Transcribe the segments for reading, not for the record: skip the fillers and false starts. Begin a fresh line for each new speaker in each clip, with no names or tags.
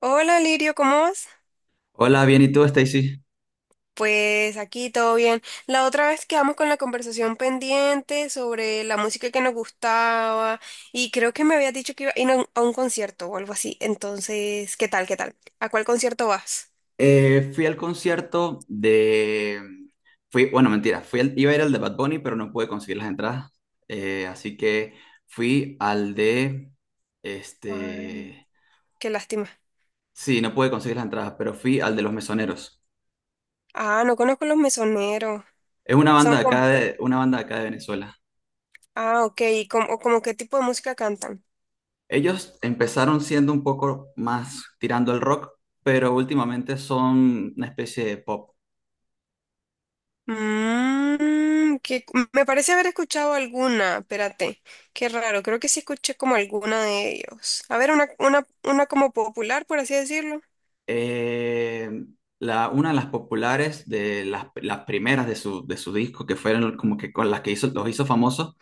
Hola Lirio, ¿cómo vas?
Hola, bien, ¿y tú, Stacy?
Pues aquí todo bien. La otra vez quedamos con la conversación pendiente sobre la música que nos gustaba y creo que me habías dicho que iba a ir a un concierto o algo así. Entonces, ¿qué tal? ¿Qué tal? ¿A cuál concierto vas?
Fui al concierto de... Fui, bueno, mentira, iba a ir al de Bad Bunny, pero no pude conseguir las entradas. Así que fui al de...
Ay,
Este...
qué lástima.
Sí, no pude conseguir las entradas, pero fui al de Los Mesoneros.
Ah, no conozco Los Mesoneros.
Es una
Son
banda
como,
una banda de acá de Venezuela.
ah, ok, ¿y como, o como qué tipo de música cantan?
Ellos empezaron siendo un poco más tirando al rock, pero últimamente son una especie de pop.
Que me parece haber escuchado alguna, espérate, qué raro, creo que sí escuché como alguna de ellos. A ver, una como popular, por así decirlo.
Eh, una de las populares, las primeras de su disco, que fueron como que con las que hizo, los hizo famosos,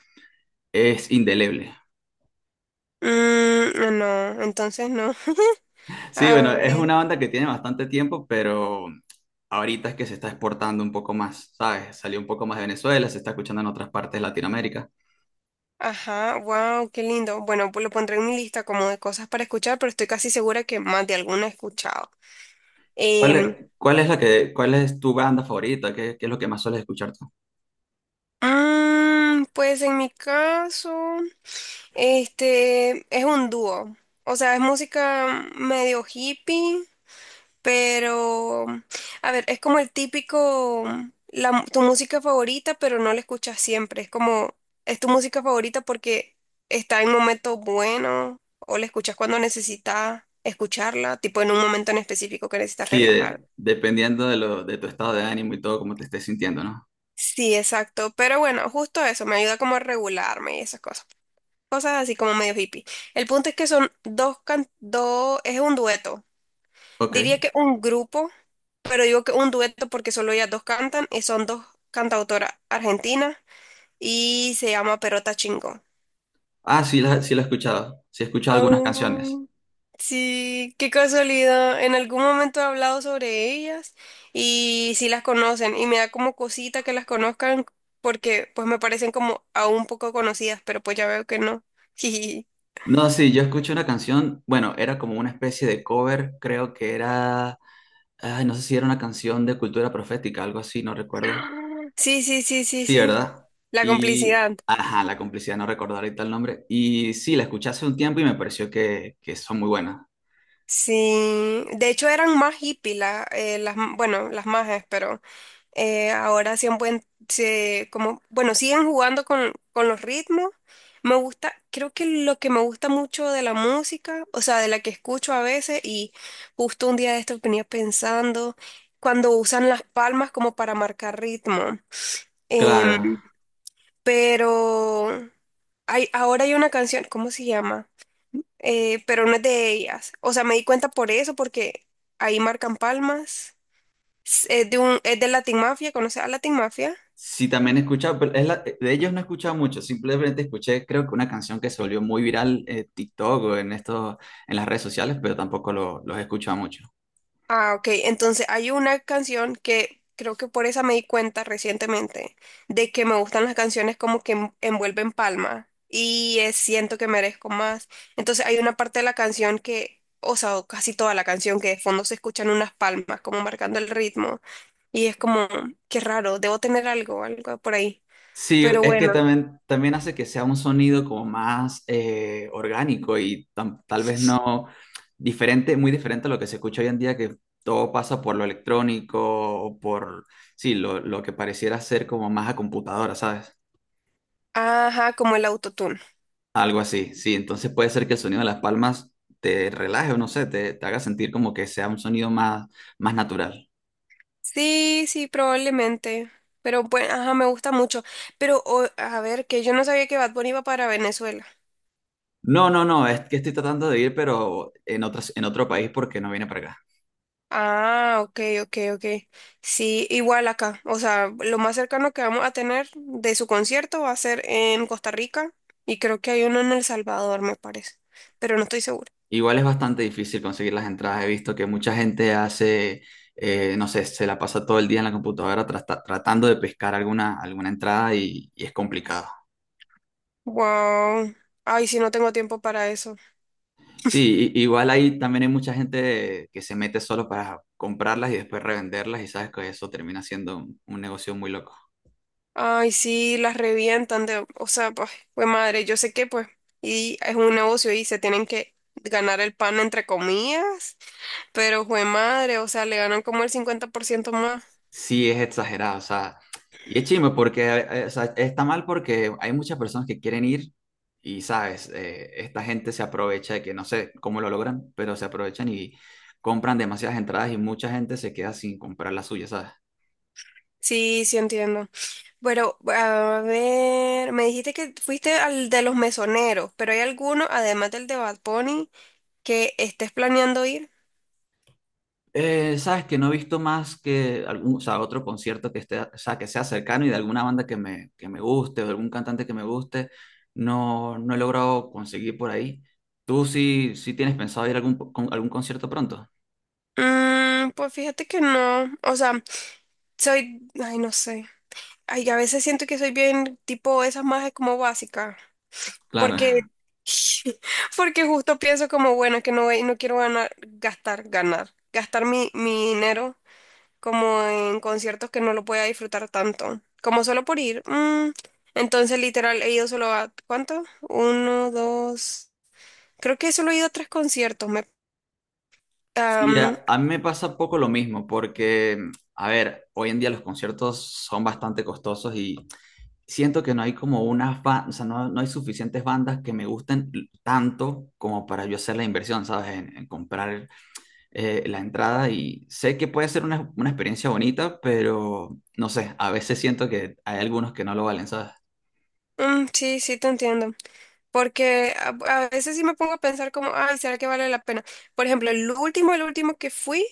es Indeleble.
Mm, no, entonces no.
Sí,
A
bueno,
ver,
es una banda que tiene bastante tiempo, pero ahorita es que se está exportando un poco más, ¿sabes? Salió un poco más de Venezuela, se está escuchando en otras partes de Latinoamérica.
ajá, wow, qué lindo. Bueno, pues lo pondré en mi lista como de cosas para escuchar, pero estoy casi segura que más de alguna he escuchado. Em,
¿Cuál es tu banda favorita? ¿Qué es lo que más sueles escuchar tú?
pues en mi caso, este es un dúo. O sea, es música medio hippie. Pero a ver, es como el típico, la tu música favorita, pero no la escuchas siempre. Es como, es tu música favorita porque está en momentos buenos o la escuchas cuando necesitas escucharla, tipo en un momento en específico que necesitas
Sí,
relajar.
dependiendo de tu estado de ánimo y todo, cómo te estés sintiendo, ¿no?
Sí, exacto. Pero bueno, justo eso, me ayuda como a regularme y esas cosas. Cosas así como medio hippie. El punto es que son dos, es un dueto.
Ok.
Diría que un grupo. Pero digo que un dueto porque solo ellas dos cantan y son dos cantautoras argentinas y se llama Perota Chingó.
Ah, sí la he escuchado. Sí he escuchado algunas canciones.
Am, sí, qué casualidad. En algún momento he hablado sobre ellas y sí las conocen y me da como cosita que las conozcan porque pues me parecen como aún poco conocidas, pero pues ya veo que no.
No, sí, yo escuché una canción, bueno, era como una especie de cover, creo que era, ay, no sé si era una canción de cultura profética, algo así, no recuerdo.
Sí, sí, sí, sí,
Sí,
sí.
¿verdad?
La
Y,
complicidad.
ajá, la complicidad, no recuerdo ahorita el nombre. Y sí, la escuché hace un tiempo y me pareció que son muy buenas.
Sí, de hecho eran más hippies las, bueno, las majes, pero ahora sí han buen- se- como, bueno, siguen jugando con los ritmos. Me gusta, creo que lo que me gusta mucho de la música, o sea, de la que escucho a veces, y justo un día de esto venía pensando, cuando usan las palmas como para marcar ritmo.
Claro.
Em, pero ahora hay una canción, ¿cómo se llama? Pero no es de ellas. O sea, me di cuenta por eso, porque ahí marcan palmas. Es de Latin Mafia. ¿Conoces a Latin Mafia?
Sí, también he escuchado, pero de ellos no he escuchado mucho, simplemente escuché creo que una canción que se volvió muy viral en TikTok o en esto, en las redes sociales, pero tampoco lo- los he escuchado mucho.
Ah, ok. Entonces hay una canción que creo que por esa me di cuenta recientemente de que me gustan las canciones como que envuelven palma y siento que merezco más. Entonces hay una parte de la canción que, o sea, o casi toda la canción que de fondo se escuchan unas palmas como marcando el ritmo y es como, qué raro, debo tener algo, algo por ahí.
Sí,
Pero
es que
bueno,
también, también hace que sea un sonido como más orgánico y tal vez no diferente, muy diferente a lo que se escucha hoy en día, que todo pasa por lo electrónico o por, sí, lo que pareciera ser como más a computadora, ¿sabes?
ajá, como el autotune.
Algo así, sí. Entonces puede ser que el sonido de las palmas te relaje o no sé, te haga sentir como que sea un sonido más, más natural.
Sí, sí, probablemente. Pero bueno, ajá, me gusta mucho. Pero a ver, que yo no sabía que Bad Bunny iba para Venezuela.
No, no, no, es que estoy tratando de ir, pero en otro país porque no viene para acá.
Ah, ok, ok, ok. Sí, igual acá. O sea, lo más cercano que vamos a tener de su concierto va a ser en Costa Rica y creo que hay uno en El Salvador, me parece. Pero no estoy segura.
Igual es bastante difícil conseguir las entradas. He visto que mucha gente hace, no sé, se la pasa todo el día en la computadora tratando de pescar alguna, alguna entrada y es complicado.
Wow. Ay, sí, no tengo tiempo para eso.
Sí, igual ahí también hay mucha gente que se mete solo para comprarlas y después revenderlas y sabes que eso termina siendo un negocio muy loco.
Ay, sí, las revientan de, o sea, pues madre, yo sé que pues, y es un negocio y se tienen que ganar el pan entre comillas, pero fue madre, o sea, le ganan como el 50% más.
Sí, es exagerado, o sea, y es chimo porque, o sea, está mal porque hay muchas personas que quieren ir y, sabes, eh, esta gente se aprovecha de que no sé cómo lo logran, pero se aprovechan y compran demasiadas entradas y mucha gente se queda sin comprar la suya, ¿sabes?
Sí, sí entiendo. Pero, a ver, me dijiste que fuiste al de los mesoneros, pero ¿hay alguno, además del de Bad Bunny, que estés planeando ir?
Sabes que no he visto más que algún, o sea, otro concierto que esté, o sea, que sea cercano y de alguna banda que me guste o de algún cantante que me guste, no, no he logrado conseguir por ahí. ¿Tú sí tienes pensado ir a algún, algún concierto pronto?
Mm, pues fíjate que no. O sea, soy, ay, no sé. Ay, a veces siento que soy bien tipo esas más como básicas.
Claro.
Porque, porque justo pienso como, bueno, que no, no quiero ganar, gastar mi dinero como en conciertos que no lo voy a disfrutar tanto, como solo por ir. Entonces, literal, he ido solo a, ¿cuánto? Uno, dos, creo que solo he ido a tres conciertos. Me,
Sí,
am,
a mí me pasa un poco lo mismo, porque, a ver, hoy en día los conciertos son bastante costosos y siento que no hay como unas bandas, o sea, no, no hay suficientes bandas que me gusten tanto como para yo hacer la inversión, ¿sabes? En comprar la entrada y sé que puede ser una experiencia bonita, pero no sé, a veces siento que hay algunos que no lo valen, ¿sabes?
mm, mm, Sí, sí, te entiendo. Porque a veces sí me pongo a pensar como, ay, ¿será que vale la pena? Por ejemplo, el último que fui.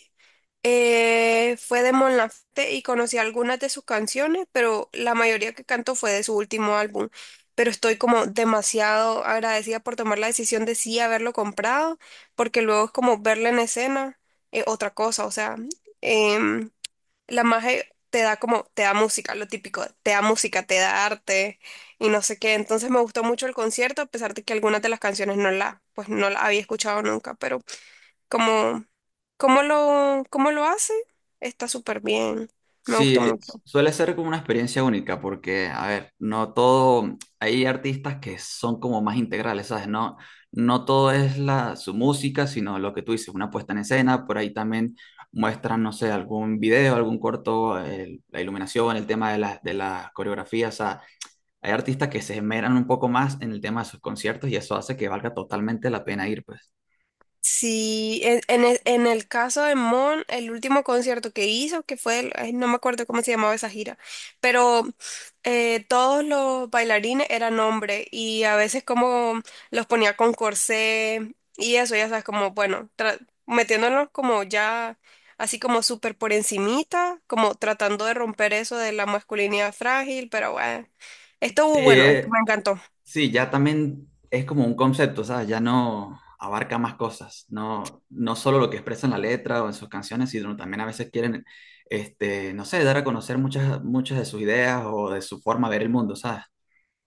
Fue de Mon Laferte y conocí algunas de sus canciones, pero la mayoría que canto fue de su último álbum. Pero estoy como demasiado agradecida por tomar la decisión de sí haberlo comprado, porque luego es como verla en escena, otra cosa, o sea, em, la magia te da como, te da música, lo típico, te da música, te da arte y no sé qué. Entonces me gustó mucho el concierto, a pesar de que algunas de las canciones pues no la había escuchado nunca, pero como, ¿cómo lo hace? Está súper bien. Me
Sí,
gustó mucho.
suele ser como una experiencia única porque, a ver, no todo, hay artistas que son como más integrales, ¿sabes? No, no todo es su música, sino lo que tú dices, una puesta en escena, por ahí también muestran, no sé, algún video, algún corto, la iluminación, el tema de las coreografías, o sea, hay artistas que se esmeran un poco más en el tema de sus conciertos y eso hace que valga totalmente la pena ir, pues.
Sí, en el caso de Mon, el último concierto que hizo, que fue, ay, no me acuerdo cómo se llamaba esa gira, pero todos los bailarines eran hombres y a veces como los ponía con corsé y eso, ya sabes, como, bueno, metiéndolos como ya así como súper por encimita, como tratando de romper eso de la masculinidad frágil, pero bueno,
Sí,
estuvo bueno, esto me encantó.
sí, ya también es como un concepto, ¿sabes? Ya no abarca más cosas, no, no solo lo que expresa en la letra o en sus canciones, sino también a veces quieren, este, no sé, dar a conocer muchas, muchas de sus ideas o de su forma de ver el mundo, ¿sabes?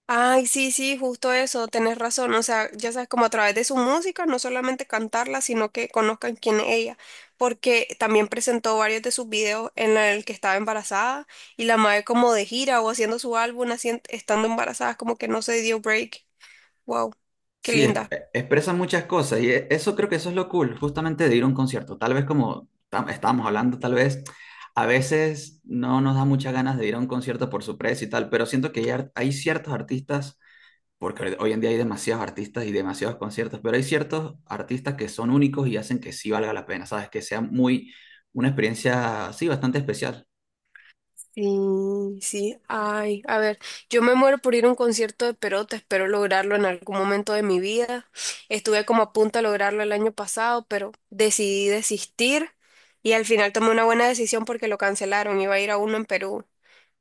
Ay, sí, sí, justo eso, tenés razón. O sea, ya sabes, como a través de su música, no solamente cantarla, sino que conozcan quién es ella. Porque también presentó varios de sus videos en el que estaba embarazada y la madre como de gira o haciendo su álbum, estando embarazada, como que no se dio break. Wow, qué
Sí,
linda.
expresan muchas cosas y eso creo que eso es lo cool, justamente de ir a un concierto. Tal vez como estábamos hablando, tal vez a veces no nos da muchas ganas de ir a un concierto por su precio y tal, pero siento que hay, hay ciertos artistas porque hoy en día hay demasiados artistas y demasiados conciertos, pero hay ciertos artistas que son únicos y hacen que sí valga la pena, ¿sabes? Que sea muy, una experiencia, sí, bastante especial.
Sí, sí. Ay, a ver, yo me muero por ir a un concierto de Perota, espero lograrlo en algún momento de mi vida. Estuve como a punto de lograrlo el año pasado, pero decidí desistir y al final tomé una buena decisión porque lo cancelaron. Iba a ir a uno en Perú,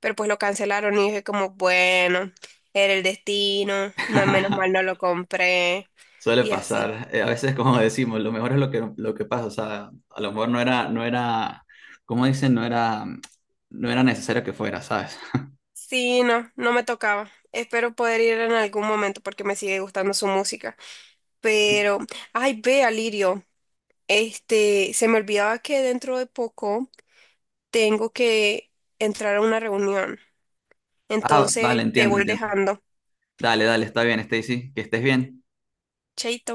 pero pues lo cancelaron y dije como, bueno, era el destino, no, menos mal no lo compré
Suele
y así.
pasar, a veces como decimos, lo mejor es lo que pasa, o sea, a lo mejor no era, no era, como dicen, no era, no era necesario que fuera, ¿sabes?
Sí, no, no me tocaba. Espero poder ir en algún momento porque me sigue gustando su música. Pero, ay, ve, Alirio, este, se me olvidaba que dentro de poco tengo que entrar a una reunión.
Ah, vale,
Entonces, te
entiendo,
voy
entiendo.
dejando.
Dale, dale, está bien, Stacy, que estés bien.
Chaito.